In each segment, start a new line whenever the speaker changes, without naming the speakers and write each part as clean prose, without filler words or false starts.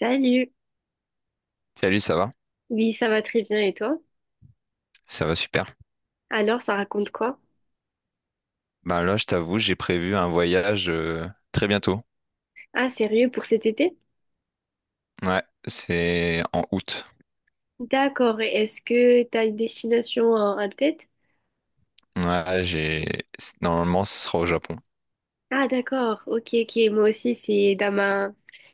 Salut!
Salut, ça va?
Oui, ça va très bien et toi?
Ça va super.
Alors, ça raconte quoi?
Ben là, je t'avoue, j'ai prévu un voyage très bientôt.
Ah, sérieux pour cet été?
Ouais, c'est en août.
D'accord, et est-ce que t'as une destination en tête?
Ouais, j'ai normalement ce sera au Japon.
Ah, d'accord, ok, ok, moi aussi c'est dans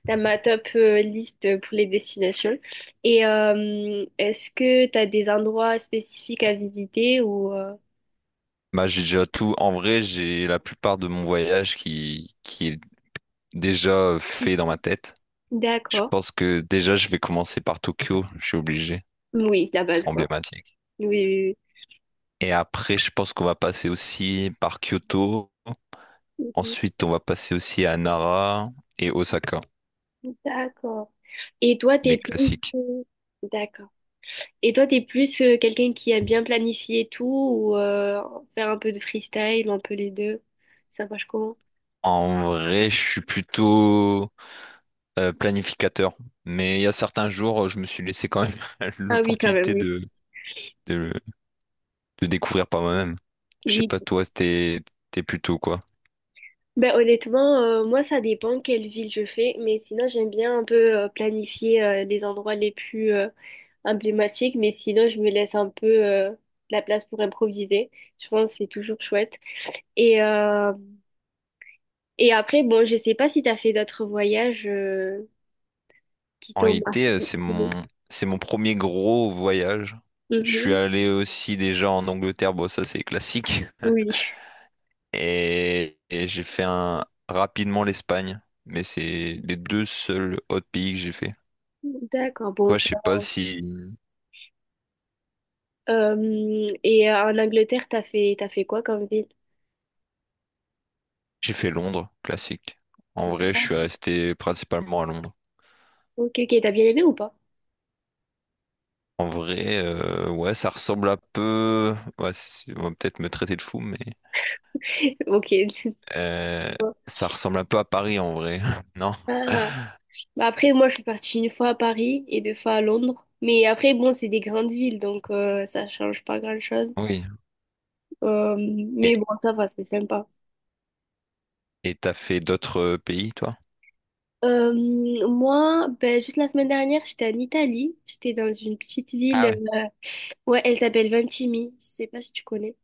dans ma top liste pour les destinations. Et est-ce que t'as des endroits spécifiques à visiter ou...
Bah, j'ai déjà tout. En vrai, j'ai la plupart de mon voyage qui est déjà fait dans ma tête. Je
D'accord,
pense que déjà, je vais commencer par Tokyo. Je suis obligé.
oui, la
C'est
base quoi.
emblématique.
Oui,
Et après, je pense qu'on va passer aussi par Kyoto.
oui, oui.
Ensuite, on va passer aussi à Nara et Osaka,
Mhm. D'accord. Et toi, t'es
les
plus...
classiques.
D'accord. Et toi, t'es plus quelqu'un qui aime bien planifier tout ou faire un peu de freestyle ou un peu les deux? Ça marche comment?
En vrai, je suis plutôt planificateur. Mais il y a certains jours, je me suis laissé quand même
Ah oui, quand même,
l'opportunité
oui.
de, de découvrir par moi-même. Je sais
Oui.
pas, toi, t'es plutôt quoi?
Ben honnêtement, moi, ça dépend quelle ville je fais, mais sinon, j'aime bien un peu planifier les endroits les plus emblématiques, mais sinon, je me laisse un peu de la place pour improviser. Je pense que c'est toujours chouette. Et, euh, et après, bon, je sais pas si t'as fait d'autres voyages qui
En
t'ont
réalité,
marqué.
c'est c'est mon premier gros voyage. Je suis
Mhm.
allé aussi déjà en Angleterre, bon, ça c'est classique.
Oui.
Et, j'ai fait un, rapidement l'Espagne. Mais c'est les deux seuls autres pays que j'ai fait.
D'accord, bon,
Toi, je
ça.
sais pas si
Et en Angleterre, t'as fait quoi comme ville?
J'ai fait Londres, classique. En vrai, je suis
Ah,
resté principalement à Londres.
Ok, ok, t'as bien aimé ou pas?
En vrai, ouais, ça ressemble un peu. Ouais, c'est- on va peut-être me traiter de fou, mais
Ok. c'est-
euh, ça ressemble un peu à Paris en vrai. Non?
Ah. Bah après, moi, je suis partie une fois à Paris et deux fois à Londres. Mais après, bon, c'est des grandes villes, donc ça change pas grand-chose.
Oui. Et
Mais bon, ça va, c'est sympa.
t'as fait d'autres pays, toi?
Euh, moi, ben, juste la semaine dernière, j'étais en Italie. J'étais dans une petite ville.
Ah ouais.
euh, ouais, elle s'appelle Ventimille. Je sais pas si tu connais.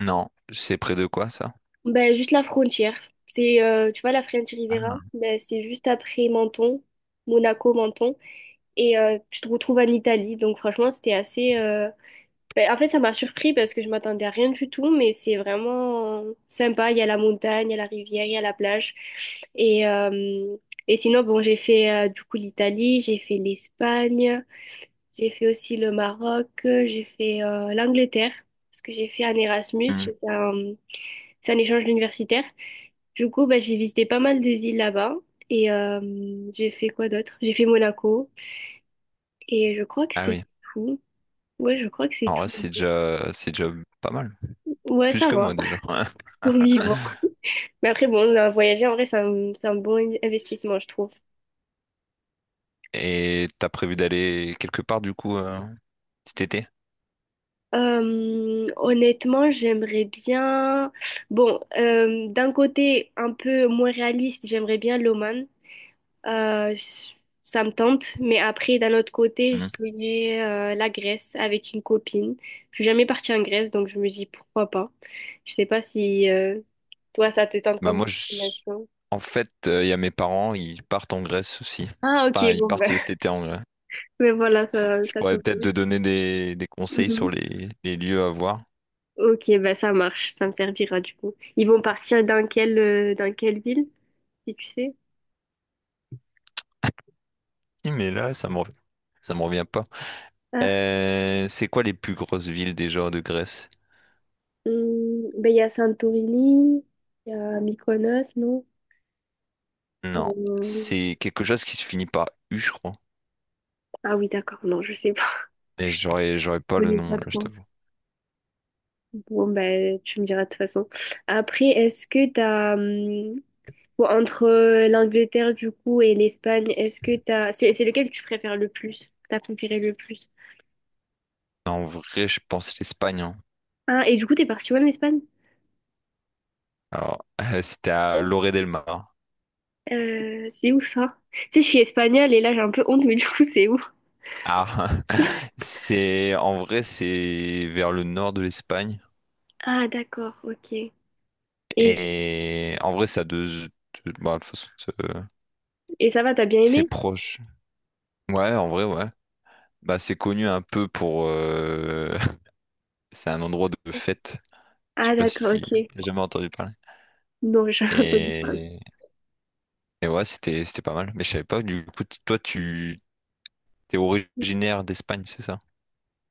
Non, c'est près de quoi ça?
Ben, juste la frontière. C'est, tu vois, la French Riviera,
Ah.
ben, c'est juste après Menton, Monaco, Menton, et tu te retrouves en Italie. Donc franchement, c'était assez... ben, en fait, ça m'a surpris parce que je m'attendais à rien du tout, mais c'est vraiment sympa. Il y a la montagne, il y a la rivière, il y a la plage. Et, euh, et sinon, bon, j'ai fait du coup l'Italie, j'ai fait l'Espagne, j'ai fait aussi le Maroc, j'ai fait l'Angleterre, parce que j'ai fait un Erasmus,
Hmm.
j'ai fait un- c'est un échange universitaire. Du coup, bah, j'ai visité pas mal de villes là-bas. Et j'ai fait quoi d'autre? J'ai fait Monaco. Et je crois que
Ah
c'est
oui.
tout. Ouais, je crois que c'est
En vrai,
tout.
c'est déjà pas mal.
Ouais,
Plus
ça
que moi
va.
déjà.
Oui, bon. Mais après, bon, voyager, en vrai, c'est un bon investissement, je trouve.
Et t'as prévu d'aller quelque part du coup cet été?
Honnêtement, j'aimerais bien... Bon, d'un côté un peu moins réaliste, j'aimerais bien l'Oman. Euh, ça me tente, mais après, d'un autre côté,
Hmm.
j'irai la Grèce avec une copine. Je suis jamais partie en Grèce, donc je me dis pourquoi pas. Je sais pas si toi, ça te tente
Bah
comme
moi, je-
destination.
en fait, il y a mes parents, ils partent en Grèce aussi.
Ah, ok,
Enfin, ils
bon,
partent
ben,
cet été en Grèce.
mais voilà,
Je
ça
pourrais
tombe.
peut-être te donner des conseils sur
Mhm.
les lieux à voir.
Ok, ben ça marche, ça me servira du coup. Ils vont partir dans dans quelle ville, si tu sais?
Si, mais là, ça me revient. Ça me revient pas.
Ah,
C'est quoi les plus grosses villes déjà de Grèce?
ben il y a Santorini, il y a Mykonos, non?
Non,
Euh,
c'est quelque chose qui se finit par U, je crois.
Ah oui, d'accord, non, je sais pas.
Mais j'aurais pas
Je
le
connais
nom
pas
là, je
trop.
t'avoue.
Bon, ben, tu me diras de toute façon. Après, est-ce que t'as... bon, entre l'Angleterre, du coup, et l'Espagne, est-ce que t'as... c'est lequel tu préfères le plus? T'as préféré le plus?
En vrai, je pense l'Espagne. Hein.
Ah, et du coup, t'es parti où en Espagne?
Alors, c'était à Lloret del Mar.
C'est où ça? Tu sais, je suis espagnole et là, j'ai un peu honte, mais du coup, c'est où?
Ah, c'est en vrai, c'est vers le nord de l'Espagne.
Ah, d'accord, ok. Et,
Et en vrai, bah, de toute façon,
et ça va, t'as bien
c'est
aimé?
proche. Ouais, en vrai, ouais. Bah, c'est connu un peu pour. C'est un endroit de fête. Je
Ah,
sais pas
d'accord,
si
ok.
t'as jamais entendu parler.
Non, j'ai un peu de parler.
Et, ouais, c'était pas mal. Mais je savais pas. Du coup, t- toi, tu t'es originaire d'Espagne, c'est ça?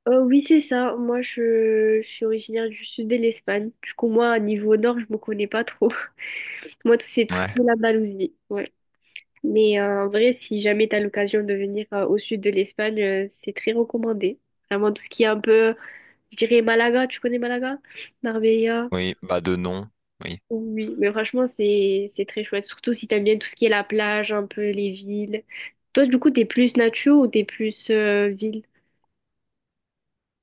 Oui, c'est ça. Moi, je suis originaire du sud de l'Espagne. Du coup, moi, niveau nord, je me connais pas trop. Moi, tout- c'est tout ce
Ouais.
qui est l'Andalousie. Ouais. Mais en vrai, si jamais tu as l'occasion de venir au sud de l'Espagne, c'est très recommandé. Vraiment, tout ce qui est un peu, je dirais Malaga, tu connais Malaga? Marbella?
Oui, bah de nom. Oui.
Oui, mais franchement, c'est très chouette. Surtout si t'aimes bien tout ce qui est la plage, un peu les villes. Toi, du coup, t'es plus nature ou t'es plus ville?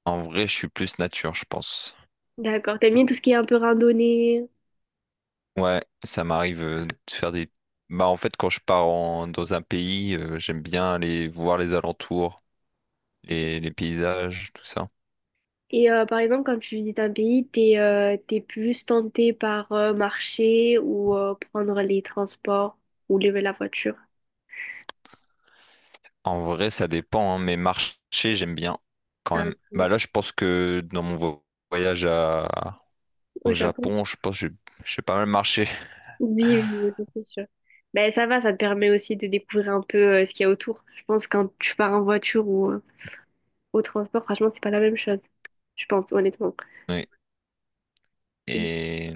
En vrai, je suis plus nature, je pense.
D'accord. T'aimes bien tout ce qui est un peu randonnée?
Ouais, ça m'arrive de faire des. Bah en fait, quand je pars en- dans un pays, j'aime bien aller voir les alentours. Les paysages, tout ça.
Et par exemple, quand tu visites un pays, t'es plus tenté par marcher ou prendre les transports ou lever la voiture.
En vrai, ça dépend, hein, mais marcher, j'aime bien quand
Ah,
même. Bah
ok.
là, je pense que dans mon vo- voyage à-
Au
au
Japon?
Japon, je pense que j'ai pas mal marché.
Oui, oui, oui, c'est sûr. Ben ça va, ça te permet aussi de découvrir un peu ce qu'il y a autour. Je pense quand tu pars en voiture ou au transport, franchement, c'est pas la même chose. Je pense, honnêtement.
Oui. Et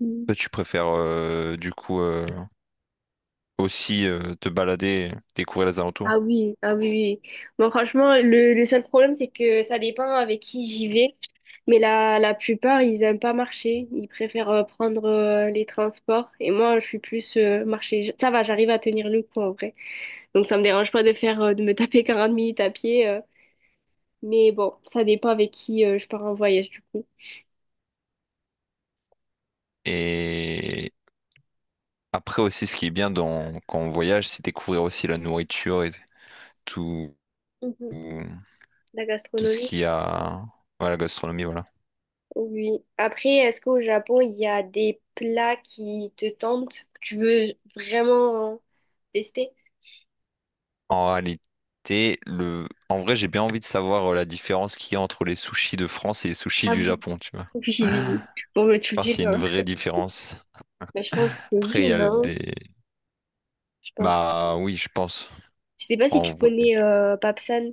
Mhm.
toi, tu préfères aussi te balader, découvrir les alentours?
Ah oui, ah oui, oui. Bon, franchement, le seul problème, c'est que ça dépend avec qui j'y vais. Mais la plupart, ils aiment pas marcher. Ils préfèrent prendre les transports. Et moi, je suis plus marcher. J- Ça va, j'arrive à tenir le coup en vrai. Donc, ça me dérange pas de faire, de me taper 40 minutes à pied. Mais bon, ça dépend avec qui je pars en voyage du coup.
Et après aussi, ce qui est bien dans, quand on voyage, c'est découvrir aussi la nourriture et tout,
Mhm. La
tout ce
gastronomie.
qu'il y a. Ouais, la gastronomie, voilà.
Oui. Après, est-ce qu'au Japon, il y a des plats qui te tentent, que tu veux vraiment tester?
En réalité, le... en vrai, j'ai bien envie de savoir la différence qu'il y a entre les sushis de France et les sushis
Ah
du
oui.
Japon, tu vois.
Oui, oui. oui. Bon, bah, tu le
Parce qu'il y
diras.
a une vraie différence.
Bah, je pense que oui,
Après, il y a
non?
les...
Je pense.
Bah oui, je pense.
Je sais pas si
En
tu
vrai.
connais Papsan.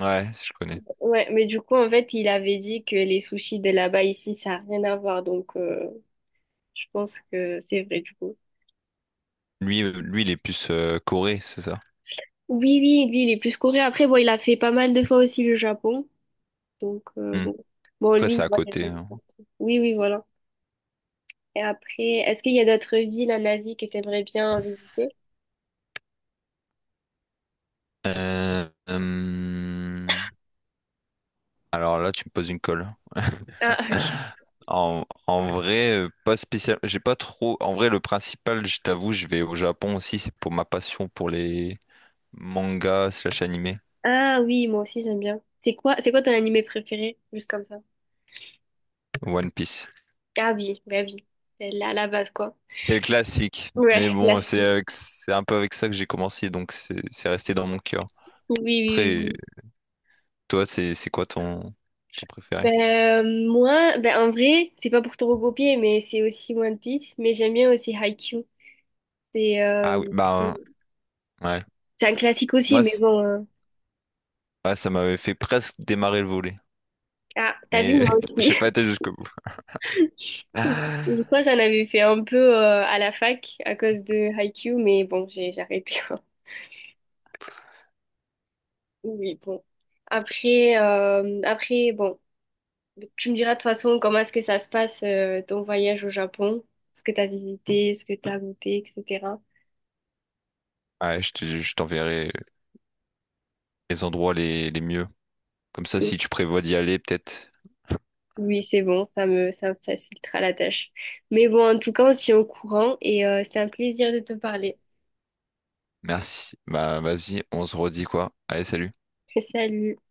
Ouais, je connais.
Ouais, mais du coup, en fait, il avait dit que les sushis de là-bas, ici, ça n'a rien à voir. Donc, je pense que c'est vrai, du coup.
Lui, lui il est plus Corée, c'est ça.
Oui, oui, lui, il est plus coréen. Après, bon, il a fait pas mal de fois aussi le Japon. Donc,
Hmm.
bon. Bon,
Après,
lui,
c'est
il
à
voyage
côté.
un peu
Hein.
partout. Oui, oui, voilà. Et après, est-ce qu'il y a d'autres villes en Asie que t'aimerais bien visiter?
Euh, hum, alors là, tu me poses une colle.
Ah, ok.
En vrai, pas spécial. J'ai pas trop. En vrai, le principal, je t'avoue, je vais au Japon aussi. C'est pour ma passion pour les mangas slash animés.
Ah oui, moi aussi j'aime bien. C'est quoi ton animé préféré? Juste comme ça.
One Piece.
Ah oui, bah oui. C'est là, la base, quoi.
C'est le classique. Mais
Ouais,
bon,
classique.
c'est avec- c'est un peu avec ça que j'ai commencé, donc c'est resté dans mon cœur.
Oui, oui, oui.
Après,
oui.
toi, c'est quoi ton préféré?
Ben, moi, ben, en vrai, c'est pas pour te recopier, mais c'est aussi One Piece. Mais j'aime bien aussi Haikyuu. C'est
Ah
euh,
oui, bah ouais.
c'est un classique aussi,
Moi,
mais bon.
c'est- ouais, ça m'avait fait presque démarrer le volet,
Ah, t'as vu,
mais
moi aussi.
j'ai pas été jusqu'au bout.
Je crois que j'en avais fait un peu à la fac à cause de Haikyuu, mais bon, j'ai arrêté. Oui, bon. Après, bon, tu me diras de toute façon comment est-ce que ça se passe ton voyage au Japon, ce que tu as visité, ce que tu as goûté, etc.
Ouais, je te- je t'enverrai les endroits les mieux. Comme ça, si tu prévois d'y aller, peut-être.
Oui, c'est bon, ça me facilitera la tâche. Mais bon, en tout cas, on se tient au courant et c'était un plaisir de te parler.
Merci. Bah, vas-y, on se redit quoi. Allez, salut.
Salut.